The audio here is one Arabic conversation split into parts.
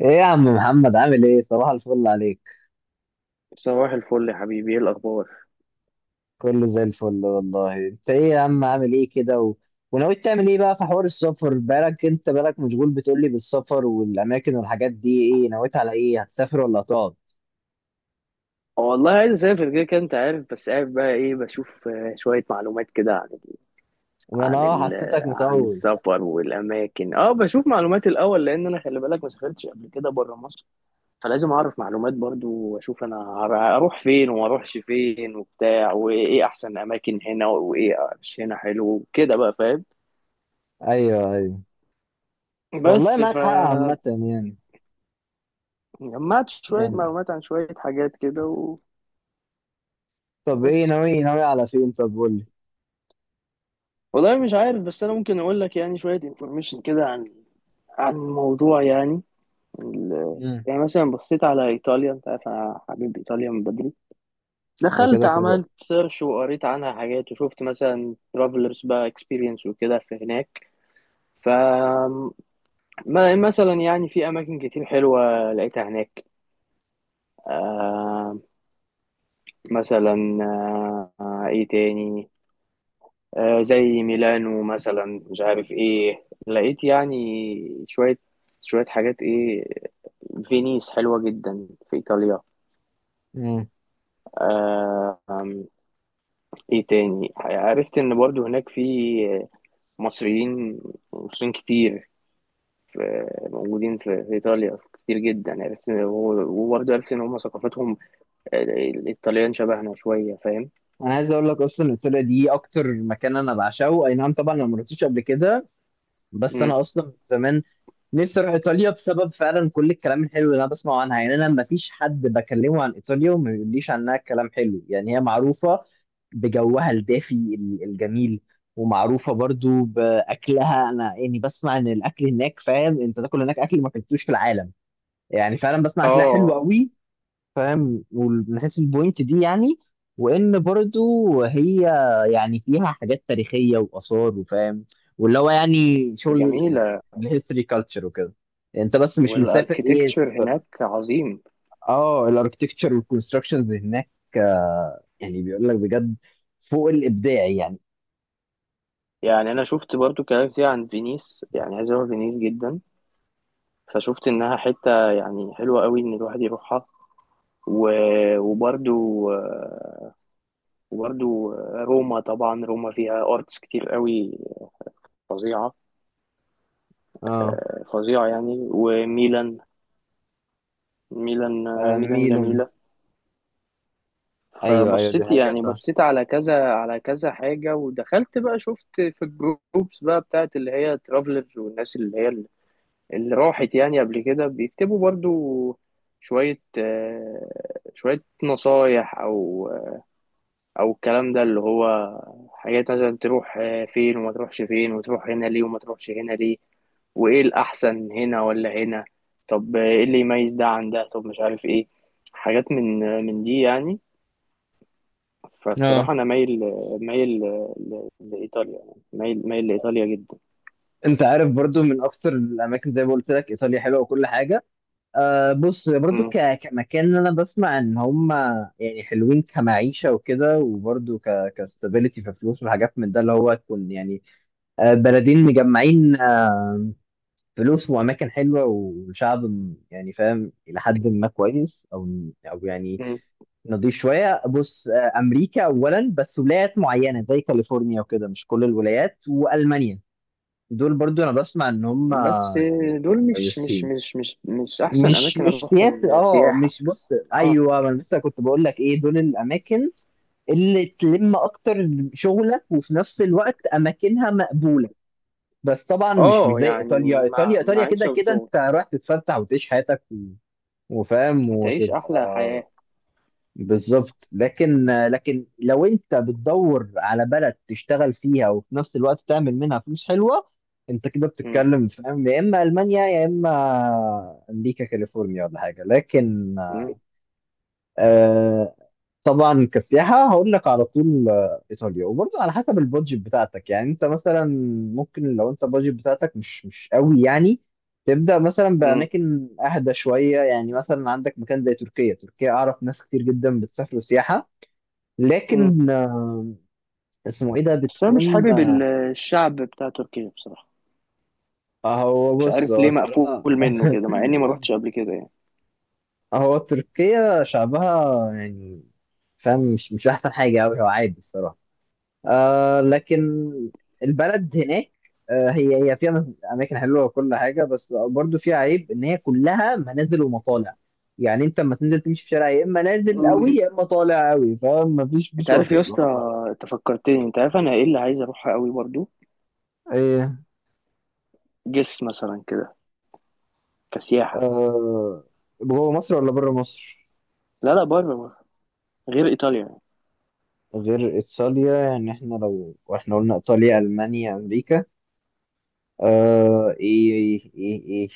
ايه يا عم محمد؟ عامل ايه؟ صباح الفل عليك. صباح الفل يا حبيبي، ايه الاخبار؟ كله زي الفل والله. انت ايه يا عم؟ عامل ايه كده وناوي تعمل ايه بقى في حوار السفر؟ بالك، انت بالك مشغول بتقولي بالسفر والاماكن والحاجات دي. ايه نويت على ايه؟ هتسافر ولا هتقعد؟ والله عايز اسافر كده كده، انت عارف، بس قاعد بقى ايه؟ بشوف شويه معلومات كده ما انا عن ال حسيتك عن مطول. السفر والاماكن. اه بشوف معلومات الاول، لان انا، خلي بالك، ما سافرتش قبل كده بره مصر، فلازم اعرف معلومات برضو، واشوف انا اروح فين وما اروحش فين وبتاع، وايه احسن اماكن هنا وايه مش هنا حلو كده بقى، فاهم؟ ايوه، ايوه، والله بس معاك حق فجمعت عامة يعني. شويه يعني معلومات عن شويه حاجات كده طب ايه وبس. ناوي؟ ناوي على فين؟ طب قول لي. والله مش عارف، بس انا ممكن اقول لك يعني شويه انفورميشن كده عن الموضوع يعني، ال- مم. يعني مثلا بصيت على ايطاليا، انت عارف انا حبيب ايطاليا من بدري. ده دخلت، كده كده. عملت سيرش، وقريت عنها حاجات، وشفت مثلا ترافلرز بقى اكسبيرينس وكده في هناك. ف مثلا يعني في اماكن كتير حلوه لقيتها هناك. آه مثلا، ايه تاني؟ زي ميلانو مثلا. مش عارف ايه، لقيت يعني شوية شوية حاجات ايه. فينيس حلوة جدا في ايطاليا. مم. آه، آم، ايه تاني؟ عرفت ان برضو هناك في مصريين، مصريين كتير، موجودين في ايطاليا كتير جدا. عرفت وبرضو عرفت ان هم ثقافتهم، الايطاليان شبهنا شوية، فاهم؟ انا عايز اقول لك، اصلا ايطاليا دي اكتر مكان انا بعشقه. اي نعم طبعا انا ما رحتش قبل كده، بس مم. انا اصلا من زمان نفسي اروح ايطاليا، بسبب فعلا كل الكلام الحلو اللي انا بسمعه عنها. يعني انا ما فيش حد بكلمه عن ايطاليا وما بيقوليش عنها كلام حلو. يعني هي معروفه بجوها الدافي الجميل، ومعروفه برضو باكلها. انا يعني بسمع ان الاكل هناك، فاهم، انت تاكل هناك اكل ما اكلتوش في العالم. يعني فعلا بسمع اكلها حلو اه قوي. فاهم؟ ومن حيث البوينت دي يعني، وان برضو هي يعني فيها حاجات تاريخيه واثار، وفاهم، واللي هو يعني شغل جميلة. الهيستوري كلتشر وكده. يعني انت بس مش مسافر والاركيتكتشر ايه هناك عظيم. اه الاركتكتشر والكونستراكشنز هناك. آه، يعني بيقول لك بجد، فوق الابداع يعني. يعني انا شفت برضو كلام كتير عن فينيس، يعني عايز اروح فينيس جدا. فشفت انها حتة يعني حلوة قوي، ان الواحد يروحها. و... وبرضو، روما، طبعا روما فيها ارتس كتير قوي، فظيعة. اه. فظيعة يعني. وميلان، آه، ميلان ميلان. جميلة. ايوه ايوه دي فبصيت حقيقه يعني، فاهم. بصيت على كذا على كذا حاجة. ودخلت بقى شفت في الجروبس بقى بتاعت اللي هي ترافلرز، والناس اللي هي، اللي راحت يعني قبل كده، بيكتبوا برضو شوية آه، شوية نصايح، أو الكلام ده، اللي هو حاجات مثلا تروح فين وما تروحش فين، وتروح هنا ليه وما تروحش هنا ليه، وإيه الأحسن هنا ولا هنا، طب إيه اللي يميز ده عن ده، طب مش عارف إيه، حاجات من دي يعني. اه فالصراحة أنا مايل مايل لإيطاليا يعني، مايل مايل لإيطاليا جدا. انت عارف برضو من اكثر الاماكن، زي ما قلت لك، ايطاليا حلوه وكل حاجه. أه بص، برضو كمكان انا بسمع ان هم يعني حلوين كمعيشه وكده، وبرضو كستابيليتي في فلوس وحاجات من ده، اللي هو تكون يعني آه، بلدين مجمعين، آه، فلوس واماكن حلوه والشعب يعني فاهم الى حد ما كويس، او او يعني مم. نضيف شويه. بص آه، امريكا اولا، بس ولايات معينه زي كاليفورنيا وكده، مش كل الولايات، والمانيا. دول برضو انا بسمع ان هم بس يعني دول مش مش كويسين. مش مش مش احسن مش اماكن مش اروحهم سياسي، اه سياحه. مش، بص اه ايوه ما انا لسه كنت بقول لك، ايه، دول الاماكن اللي تلم اكتر شغلك، وفي نفس الوقت اماكنها مقبوله. بس طبعا مش مش اه زي يعني ايطاليا. مع ايطاليا ايطاليا كده معيشه كده وشغل. انت رايح تتفسح وتعيش حياتك وفاهم هتعيش احلى وتبقى حياه. بالظبط. لكن لكن لو انت بتدور على بلد تشتغل فيها وفي نفس الوقت تعمل منها فلوس حلوه، انت كده مم. بتتكلم فاهم، يا اما المانيا يا اما امريكا كاليفورنيا، ولا حاجه. لكن مم. آه طبعا كسياحة هقول لك على طول آه، إيطاليا. وبرضه على حسب البادجت بتاعتك يعني. أنت مثلا ممكن لو أنت البادجت بتاعتك مش مش قوي يعني، تبدأ مثلا مم. بأماكن أهدى شوية. يعني مثلا عندك مكان زي تركيا. تركيا أعرف ناس كتير جدا بتسافر سياحة. مم. لكن آه، اسمه إيه ده، بس انا مش بتكون حابب الشعب بتاع تركيا بصراحه. آه، هو مش بص عارف هو ليه، مقفول الصراحة منه كده، مع اني ما روحتش قبل كده يعني. هو تركيا شعبها يعني، فاهم، مش مش أحسن حاجة أوي، هو عادي الصراحة. آه لكن البلد هناك آه هي هي فيها اماكن حلوه وكل حاجه، بس برضو فيها عيب ان هي كلها منازل ومطالع. يعني انت لما تنزل تمشي في شارع، يا اما نازل قوي مم. يا اما طالع قوي، فما فيش انت مفيش عارف يا وسط اسطى، لا فرق. انت فكرتني، انت عارف انا ايه اللي عايز اروحها قوي برضو؟ ايه؟ جس مثلا كده، كسياحه. آه. جوه مصر ولا بره مصر؟ لا لا، بره بره، غير ايطاليا يعني. غير ايطاليا يعني، احنا لو احنا قلنا ايطاليا المانيا امريكا. آه ايه ايه ايه, إيه.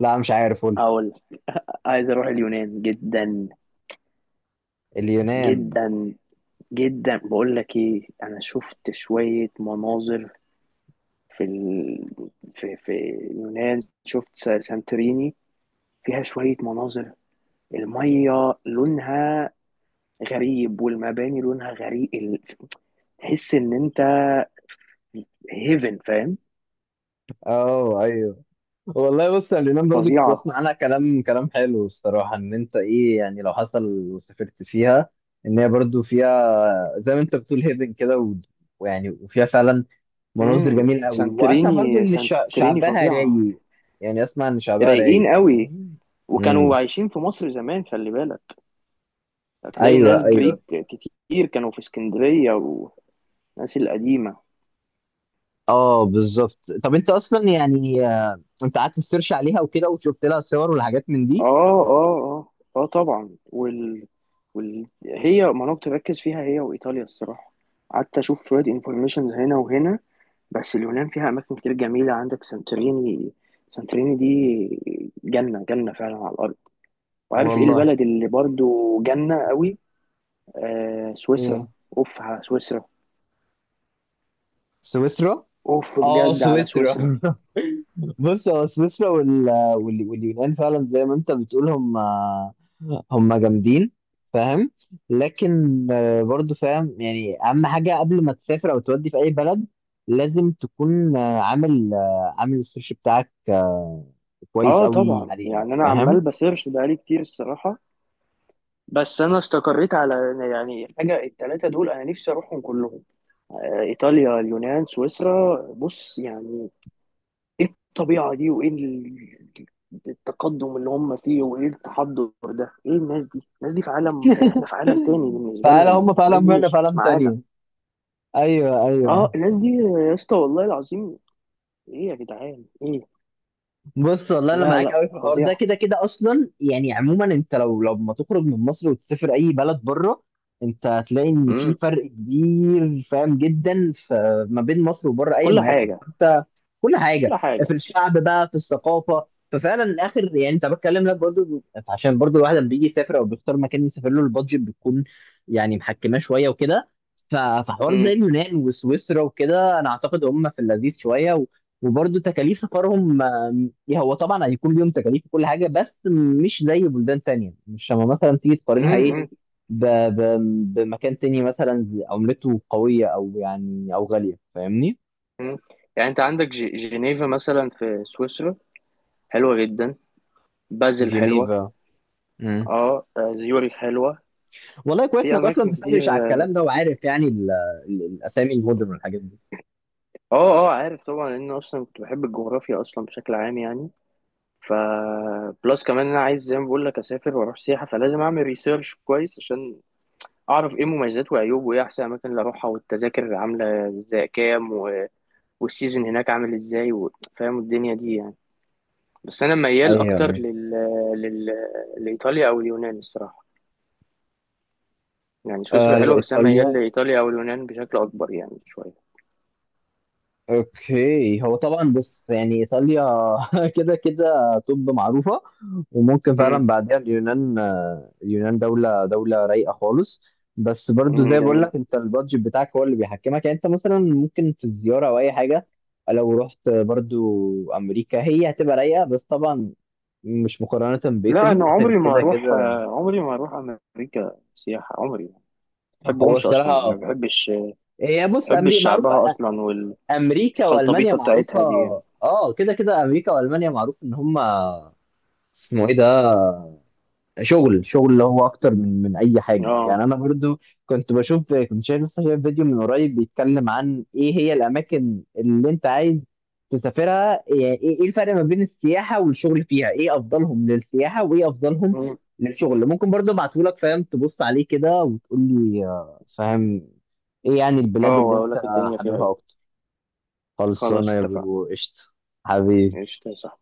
لا مش عارف، قول. اقول، عايز اروح اليونان جدا. اليونان؟ جدا جدا، بقول لك ايه، انا شفت شوية مناظر في في اليونان، شفت سانتوريني. فيها شوية مناظر، المية لونها غريب، والمباني لونها غريب، تحس ان انت هيفن، فاهم؟ اه ايوه. والله بص يا، اليونان برضو كنت فظيعة. بسمع عنها كلام كلام حلو الصراحة. ان انت ايه يعني، لو حصل وسافرت فيها، ان هي برضو فيها زي ما انت بتقول هيفن كده ويعني وفيها فعلا مناظر امم، جميلة قوي. واسمع برضو سانتوريني، ان سانتوريني شعبها فظيعة. رايق. يعني اسمع ان شعبها رايقين رايق مش كده؟ قوي، وكانوا امم. عايشين في مصر زمان، خلي بالك، هتلاقي ايوه ناس ايوه. جريك كتير كانوا في اسكندرية، والناس القديمة. اه بالظبط. طب انت اصلا يعني آه، انت قعدت تسيرش عليها وكده وشفت لها صور والحاجات من اه دي. اه اه اه طبعا. هي، ما انا كنت بركز فيها هي وايطاليا الصراحه. قعدت اشوف شويه انفورميشن هنا وهنا. بس اليونان فيها اماكن كتير جميله، عندك سانتوريني. سانتوريني دي جنه، جنه فعلا على الارض. وعارف ايه والله. البلد اللي برضو جنه قوي؟ آه، سويسرا. ايه؟ اوف على سويسرا. سويسرا. اوف اه بجد على سويسرا سويسرا. بص هو سويسرا واليونان فعلا زي ما انت بتقول هم هم جامدين فاهم. لكن آه، برضو فاهم، يعني اهم حاجه قبل ما تسافر او تودي في اي بلد، لازم تكون آه، عامل آه، عامل السيرش بتاعك آه، كويس اه قوي طبعا عليها يعني، انا عمال فاهم. بسيرش بقالي كتير الصراحه. بس انا استقريت على يعني حاجه التلاته دول، انا نفسي اروحهم كلهم، آه، ايطاليا، اليونان، سويسرا. بص يعني ايه الطبيعه دي، وايه التقدم اللي هم فيه، وايه التحضر ده، ايه الناس دي، الناس دي في عالم، احنا في عالم تاني بالنسبه فعلا لهم، هم فعلا الناس دي مهنه مش فعلا معانا. تانية. ايوه اه، ايوه. الناس دي يا اسطى، والله العظيم. ايه يا جدعان ايه. بص والله انا لا معاك لا، قوي في الحوار ده. فظيعه. كده كده اصلا يعني عموما، انت لو لو ما تخرج من مصر وتسافر اي بلد بره، انت هتلاقي ان في امم، فرق كبير فاهم جدا. ما بين مصر وبره، ايا كل ما يكن حاجه، انت، كل حاجه، كل في حاجه. الشعب بقى، في الثقافه. ففعلا اخر يعني انت بتكلم لك برضو، عشان برضو الواحد لما بيجي يسافر او بيختار مكان يسافر له، البادجت بتكون يعني محكمه شويه وكده. فحوار زي امم. اليونان وسويسرا وكده انا اعتقد هم في اللذيذ شويه وبرضو تكاليف سفرهم. إيه؟ هو طبعا هيكون ليهم تكاليف وكل حاجه، بس مش زي بلدان تانية، مش لما مثلا تيجي تقارنها ايه امم. ب... ب... بمكان تاني، مثلا عملته قويه، او يعني او غاليه فاهمني. امم. يعني انت عندك جنيفا مثلا في سويسرا، حلوه جدا. بازل حلوه. جنيفا. مم. اه، زيورخ حلوه. والله كويس في انك اصلا اماكن بتسرش على كتير. اه، الكلام ده، وعارف يعني الاسامي المدن والحاجات دي. اه عارف طبعا، لان اصلا كنت بحب الجغرافيا اصلا بشكل عام يعني. ف بلس كمان، انا عايز زي ما بقول لك اسافر واروح سياحه، فلازم اعمل ريسيرش كويس عشان اعرف ايه مميزات وعيوب، وايه احسن اماكن اللي اروحها، والتذاكر عامله ازاي كام والسيزون هناك عامل ازاي فاهم الدنيا دي يعني؟ بس انا ميال ايوه اكتر ايوه. لل... لايطاليا او اليونان الصراحه. يعني آه، سويسرا حلوه، بس انا ميال ايطاليا. لايطاليا او اليونان بشكل اكبر يعني شويه. اوكي، هو طبعا بص يعني ايطاليا كده كده طب معروفه. وممكن فعلا بعدها اليونان، آه، اليونان دوله دوله رايقه خالص. بس برضو زي بقول جميل. لك، انت البادجت بتاعك هو اللي بيحكمك. يعني انت مثلا ممكن في الزياره او اي حاجه، لو رحت برضو امريكا هي هتبقى رايقه. بس طبعا مش مقارنه لا بايطالي، انا ايطالي عمري ما كده اروح، كده. عمري ما اروح امريكا سياحه، عمري ما. هو بحبهمش اصلا يعني، ما الصراحه هي بص بحبش امريكا معروفه، شعبها اصلا، امريكا والمانيا والخلطبيطه معروفه. بتاعتها دي يعني. اه كده كده امريكا والمانيا معروف ان هم اسمه ايه ده، شغل شغل اللي هو اكتر من من اي حاجه اه. يعني. انا برضو كنت بشوف، كنت شايف لسه شايف فيديو من قريب بيتكلم عن ايه هي الاماكن اللي انت عايز تسافرها. يعني ايه ايه الفرق ما بين السياحه والشغل فيها، ايه افضلهم للسياحه وايه افضلهم مم. للشغل. ممكن برضو ابعته لك فاهم، تبص عليه كده وتقول لي آه، فاهم، ايه يعني البلاد اه، اللي واقول انت لك الدنيا فيها حاببها ايه. اكتر. خلصانه خلاص يا اتفقنا. برو، قشطه. حبيبي. ايش، صح.